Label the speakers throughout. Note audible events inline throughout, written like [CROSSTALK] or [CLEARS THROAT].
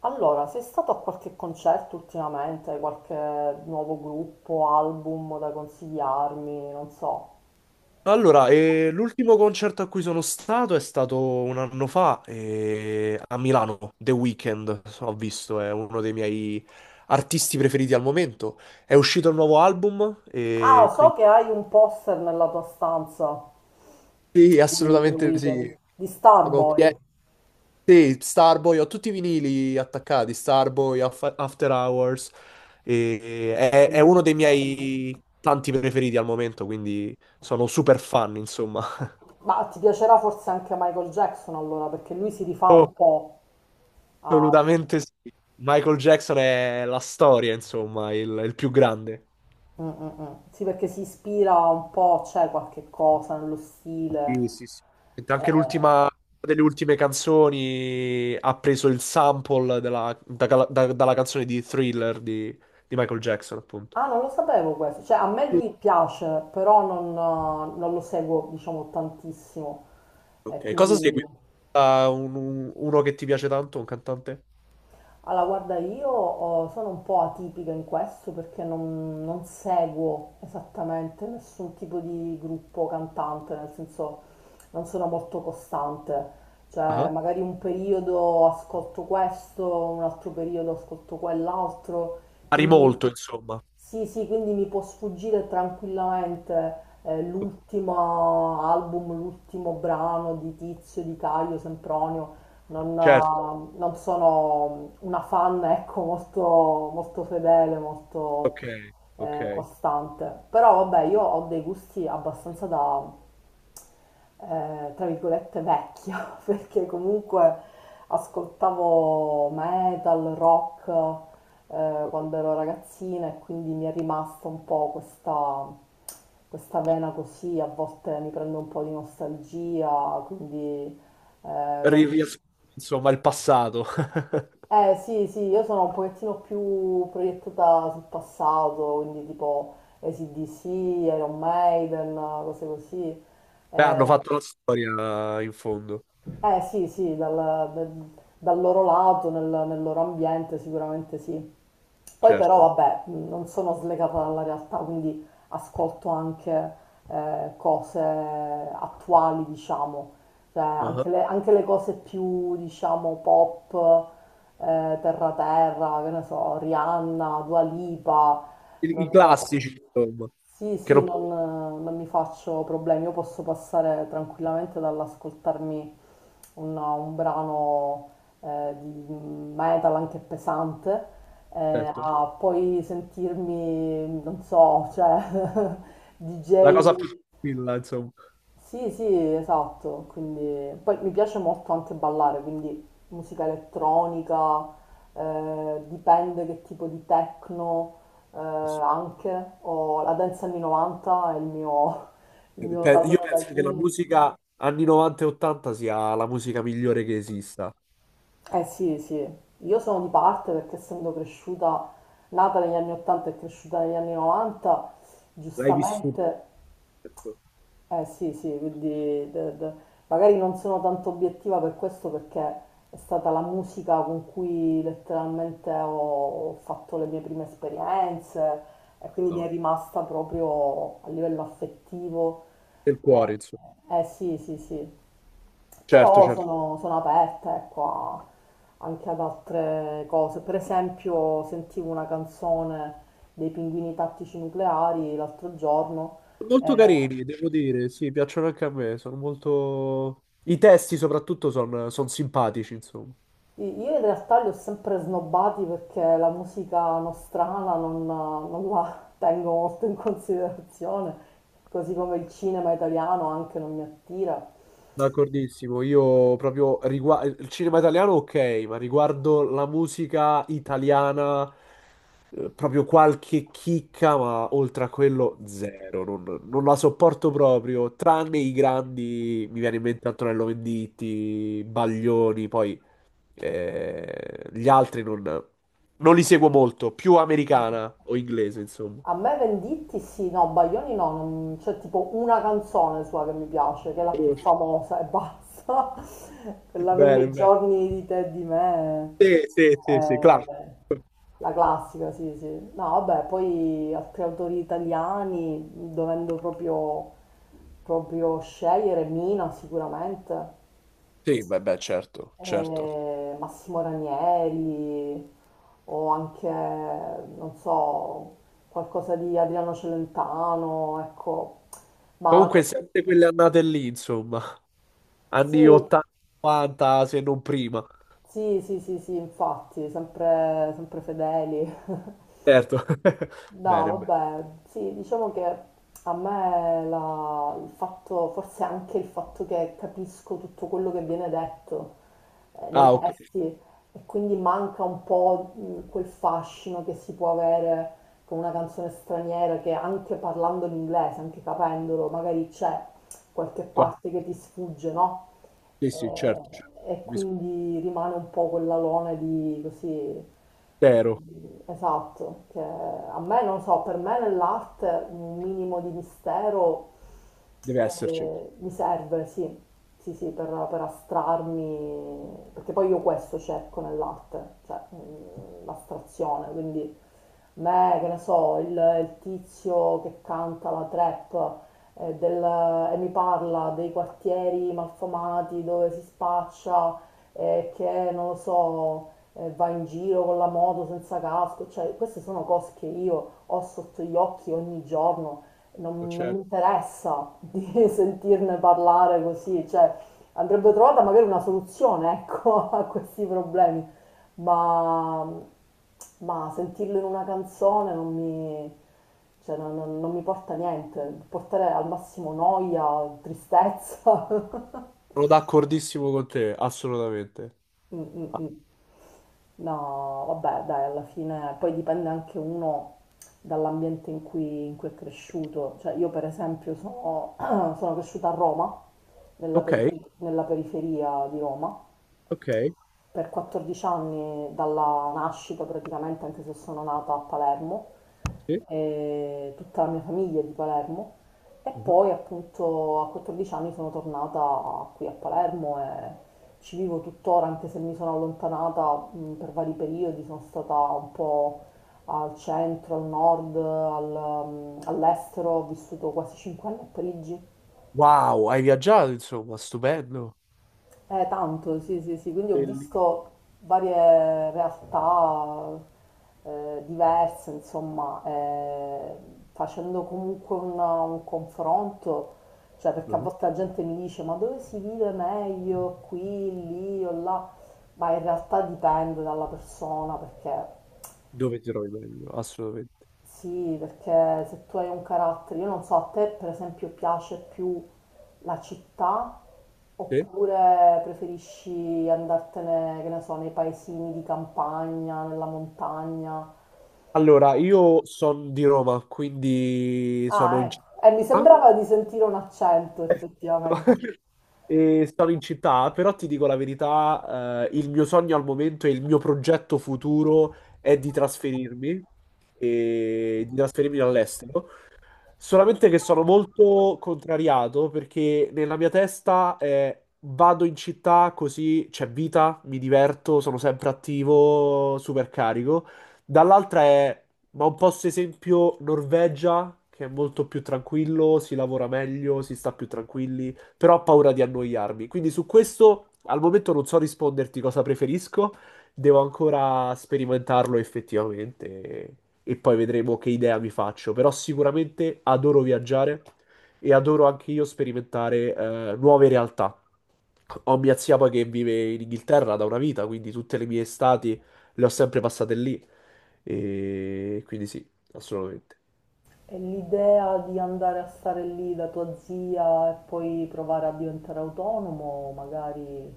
Speaker 1: Allora, sei stato a qualche concerto ultimamente, qualche nuovo gruppo, album da consigliarmi, non so.
Speaker 2: Allora, l'ultimo concerto a cui sono stato è stato un anno fa a Milano, The Weeknd, ho visto, è uno dei miei artisti preferiti al momento. È uscito il nuovo album
Speaker 1: Ah,
Speaker 2: e
Speaker 1: so
Speaker 2: quindi
Speaker 1: che hai un poster nella tua stanza
Speaker 2: sì,
Speaker 1: di The
Speaker 2: assolutamente
Speaker 1: Weeknd,
Speaker 2: sì.
Speaker 1: di
Speaker 2: Sono pie-
Speaker 1: Starboy,
Speaker 2: sì, Starboy, ho tutti i vinili attaccati, Starboy, After Hours, è uno
Speaker 1: bellissimo.
Speaker 2: dei miei tanti preferiti al momento, quindi sono super fan, insomma.
Speaker 1: Ma ti piacerà forse anche Michael Jackson allora, perché lui si rifà un
Speaker 2: [LAUGHS]
Speaker 1: po' a...
Speaker 2: Assolutamente sì. Michael Jackson è la storia, insomma, il più grande.
Speaker 1: Mm, mm, mm. Sì, perché si ispira un po', c'è qualche cosa nello stile.
Speaker 2: Sì, sì, sì. Anche
Speaker 1: Eh.
Speaker 2: l'ultima una delle ultime canzoni ha preso il sample dalla canzone di Thriller di Michael Jackson, appunto.
Speaker 1: Ah, non lo sapevo questo. Cioè, a me
Speaker 2: Sì.
Speaker 1: lui piace, però non lo seguo, diciamo, tantissimo.
Speaker 2: Ok,
Speaker 1: E
Speaker 2: cosa segui?
Speaker 1: quindi,
Speaker 2: Ah, uno che ti piace tanto, un cantante?
Speaker 1: allora, guarda, io oh, sono un po' atipica in questo perché non seguo esattamente nessun tipo di gruppo cantante, nel senso non sono molto costante. Cioè,
Speaker 2: Ah.
Speaker 1: magari un periodo ascolto questo, un altro periodo ascolto quell'altro.
Speaker 2: Pari molto, insomma.
Speaker 1: Sì, sì, quindi mi può sfuggire tranquillamente l'ultimo album, l'ultimo brano di Tizio, di Caio, Sempronio. Non,
Speaker 2: Certo,
Speaker 1: eh, non sono una fan, ecco, molto, molto fedele,
Speaker 2: ok,
Speaker 1: molto
Speaker 2: ok.
Speaker 1: costante. Però vabbè, io ho dei gusti abbastanza da, tra virgolette, vecchia, [LAUGHS] perché comunque ascoltavo metal, rock quando ero ragazzina e quindi mi è rimasta un po' questa vena così, a volte mi prende un po' di nostalgia, quindi... Eh, vado-
Speaker 2: Riassume, insomma, il passato. [LAUGHS]
Speaker 1: sì, sì, io sono un pochettino più proiettata sul passato, quindi tipo AC/DC, Iron Maiden, cose così.
Speaker 2: Beh, hanno
Speaker 1: Eh,
Speaker 2: fatto la storia in fondo.
Speaker 1: Eh sì, sì, dal- dal loro lato, nel loro ambiente sicuramente sì. Poi però
Speaker 2: Certo.
Speaker 1: vabbè, non sono slegata dalla realtà, quindi ascolto anche cose attuali, diciamo, cioè
Speaker 2: Ah.
Speaker 1: anche le cose più, diciamo, pop, terra terra, che ne so, Rihanna, Dua Lipa,
Speaker 2: I,
Speaker 1: non-
Speaker 2: i classici, insomma.
Speaker 1: sì,
Speaker 2: Che
Speaker 1: sì,
Speaker 2: non-
Speaker 1: non mi faccio problemi, io posso passare tranquillamente dall'ascoltarmi un brano di metal anche pesante
Speaker 2: Certo.
Speaker 1: a poi sentirmi, non so, cioè [LAUGHS]
Speaker 2: La
Speaker 1: DJ
Speaker 2: cosa più. Quella, insomma.
Speaker 1: sì, sì, esatto, quindi poi mi piace molto anche ballare, quindi musica elettronica, dipende che tipo di techno anche, o la dance anni 90 è il mio
Speaker 2: Io
Speaker 1: tallone
Speaker 2: penso che la
Speaker 1: d'Achille.
Speaker 2: musica anni 90 e 80 sia la musica migliore che esista.
Speaker 1: Eh sì, sì, io sono di parte perché essendo cresciuta, nata negli anni 80 e cresciuta negli anni 90,
Speaker 2: L'hai vissuto,
Speaker 1: giustamente.
Speaker 2: certo.
Speaker 1: Eh sì, sì, quindi de- de- magari non sono tanto obiettiva per questo perché è stata la musica con cui letteralmente ho fatto le mie prime esperienze e quindi mi è
Speaker 2: No,
Speaker 1: rimasta proprio a livello affettivo.
Speaker 2: del cuore, insomma.
Speaker 1: Eh sì, sì, sì,
Speaker 2: Certo,
Speaker 1: però
Speaker 2: certo.
Speaker 1: sono aperta, ecco, anche ad altre cose. Per esempio, sentivo una canzone dei Pinguini Tattici Nucleari l'altro giorno.
Speaker 2: Molto
Speaker 1: eh,
Speaker 2: carini, devo dire, sì, piacciono anche a me, sono molto. I testi soprattutto sono simpatici, insomma.
Speaker 1: Io in realtà li ho sempre snobbati perché la musica nostrana non la [LAUGHS] tengo molto in considerazione, così come il cinema italiano anche non mi attira.
Speaker 2: D'accordissimo, io proprio riguardo il cinema italiano, ok, ma riguardo la musica italiana proprio qualche chicca, ma oltre a quello zero, non, non la sopporto proprio, tranne i grandi, mi viene in mente Antonello Venditti, Baglioni, poi gli altri non, non li seguo molto, più americana o inglese, insomma.
Speaker 1: A me Venditti sì, no, Baglioni no, c'è tipo una canzone sua che mi piace, che è la più
Speaker 2: [LAUGHS]
Speaker 1: famosa e basta. [LAUGHS] Quella
Speaker 2: Bene,
Speaker 1: Mille
Speaker 2: bene.
Speaker 1: giorni di te e di me.
Speaker 2: Sì, sì, sì, sì, claro.
Speaker 1: Eh, la classica, sì, sì. No, vabbè, poi altri autori italiani, dovendo proprio, proprio scegliere, Mina sicuramente,
Speaker 2: Sì, beh, beh, certo, certo.
Speaker 1: Massimo Ranieri, o anche, non so, qualcosa di Adriano Celentano, ecco. Ma
Speaker 2: Comunque, sempre quelle annate lì, insomma,
Speaker 1: sì,
Speaker 2: anni 80, 90, se non prima.
Speaker 1: sì, sì, sì, sì, infatti, sempre sempre fedeli. [LAUGHS]
Speaker 2: Certo. [LAUGHS] Bene,
Speaker 1: No,
Speaker 2: bene.
Speaker 1: vabbè, sì, diciamo che a me il fatto, forse anche il fatto che capisco tutto quello che viene detto nei
Speaker 2: Ah, ok.
Speaker 1: testi e quindi manca un po' quel fascino che si può avere con una canzone straniera che anche parlando l'inglese, anche capendolo, magari c'è qualche
Speaker 2: Qua-
Speaker 1: parte che ti sfugge, no?
Speaker 2: Sì, sì,
Speaker 1: eh,
Speaker 2: certo, certo.
Speaker 1: e
Speaker 2: Capisco.
Speaker 1: quindi rimane un po' quella lona di così,
Speaker 2: Tero,
Speaker 1: esatto, che a me, non so, per me nell'arte un minimo di mistero
Speaker 2: deve esserci.
Speaker 1: mi serve, sì, sì, sì, per astrarmi, perché poi io questo cerco nell'arte, cioè l'astrazione, quindi me, che ne so, il tizio che canta la trap eh, del- e mi parla dei quartieri malfamati dove si spaccia e che, non lo so, va in giro con la moto senza casco, cioè queste sono cose che io ho sotto gli occhi ogni giorno,
Speaker 2: Certo.
Speaker 1: non mi
Speaker 2: Certo.
Speaker 1: interessa di [LAUGHS] sentirne parlare così, cioè andrebbe trovata magari una soluzione, ecco, [LAUGHS] a questi problemi. Ma, ma sentirlo in una canzone non mi, cioè, non mi porta niente, può portare al massimo noia, tristezza. [LAUGHS]
Speaker 2: Sono d'accordissimo con te, assolutamente.
Speaker 1: Mm, mm,
Speaker 2: Ah,
Speaker 1: mm. No, vabbè, dai, alla fine poi dipende anche uno dall'ambiente in cui è cresciuto. Cioè, io per esempio sono, [CLEARS THROAT] sono cresciuta a Roma, nella
Speaker 2: ok,
Speaker 1: nella periferia di Roma.
Speaker 2: ok.
Speaker 1: Per 14 anni dalla nascita praticamente, anche se sono nata a Palermo,
Speaker 2: Sì.
Speaker 1: e tutta la mia famiglia è di Palermo e
Speaker 2: Mhm.
Speaker 1: poi appunto a 14 anni sono tornata qui a Palermo e ci vivo tuttora, anche se mi sono allontanata per vari periodi, sono stata un po' al centro, al nord, all'estero, ho vissuto quasi 5 anni a Parigi.
Speaker 2: Wow, hai viaggiato, insomma, stupendo.
Speaker 1: Tanto, sì, sì, sì, quindi ho
Speaker 2: Bellissimo.
Speaker 1: visto varie realtà diverse, insomma, facendo comunque un confronto, cioè perché a
Speaker 2: Mhm.
Speaker 1: volte la gente mi dice ma dove si vive meglio, qui, lì o là, ma in realtà dipende dalla persona perché
Speaker 2: Dove ti trovi meglio? Assolutamente.
Speaker 1: sì, perché se tu hai un carattere, io non so, a te per esempio piace più la città
Speaker 2: Sì.
Speaker 1: oppure preferisci andartene, che ne so, nei paesini di campagna, nella montagna?
Speaker 2: Allora, io sono di Roma, quindi sono
Speaker 1: Ah,
Speaker 2: in
Speaker 1: ecco. Mi
Speaker 2: città.
Speaker 1: sembrava di sentire un accento effettivamente.
Speaker 2: [LAUGHS] E sono in città, però ti dico la verità, il mio sogno al momento e il mio progetto futuro è di trasferirmi all'estero. Solamente che sono molto contrariato perché nella mia testa è vado in città così c'è vita, mi diverto, sono sempre attivo, super carico. Dall'altra ma un posto esempio Norvegia, che è molto più tranquillo, si lavora meglio, si sta più tranquilli, però ho paura di annoiarmi. Quindi su questo al momento non so risponderti cosa preferisco. Devo ancora sperimentarlo effettivamente e poi vedremo che idea mi faccio. Però sicuramente adoro viaggiare e adoro anche io sperimentare nuove realtà. Ho mia zia poi che vive in Inghilterra da una vita, quindi tutte le mie estati le ho sempre passate lì. E quindi sì, assolutamente.
Speaker 1: E l'idea di andare a stare lì da tua zia e poi provare a diventare autonomo, magari...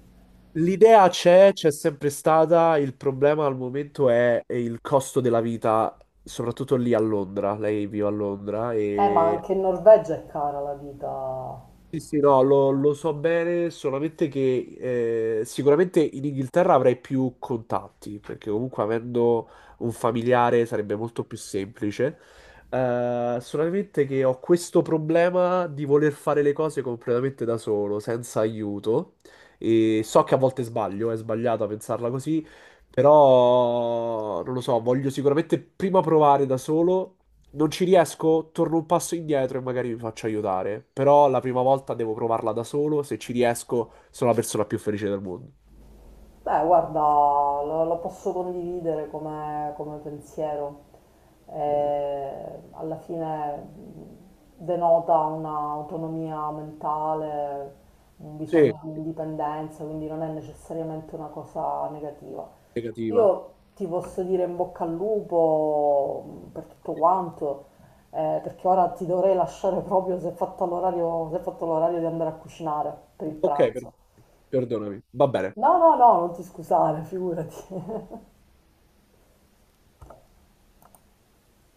Speaker 2: L'idea c'è, c'è sempre stata, il problema al momento è il costo della vita, soprattutto lì a Londra. Lei vive a Londra
Speaker 1: Ma
Speaker 2: e
Speaker 1: anche in Norvegia è cara la vita.
Speaker 2: sì, sì, no, lo so bene, solamente che sicuramente in Inghilterra avrei più contatti, perché comunque avendo un familiare sarebbe molto più semplice. Solamente che ho questo problema di voler fare le cose completamente da solo, senza aiuto. E so che a volte sbaglio, è sbagliato a pensarla così, però non lo so, voglio sicuramente prima provare da solo non ci riesco, torno un passo indietro e magari mi faccio aiutare. Però la prima volta devo provarla da solo. Se ci riesco, sono la persona più felice del mondo.
Speaker 1: Beh, guarda, lo posso condividere come pensiero.
Speaker 2: Bene.
Speaker 1: Alla fine denota un'autonomia mentale, un
Speaker 2: Sì,
Speaker 1: bisogno di indipendenza, quindi non è necessariamente una cosa negativa.
Speaker 2: negativa.
Speaker 1: Io ti posso dire in bocca al lupo per tutto quanto, perché ora ti dovrei lasciare proprio se è fatto l'orario, se è fatto l'orario di andare a cucinare per il
Speaker 2: Ok,
Speaker 1: pranzo.
Speaker 2: perdonami. Va bene.
Speaker 1: No, no, no, non ti scusare, figurati. [LAUGHS]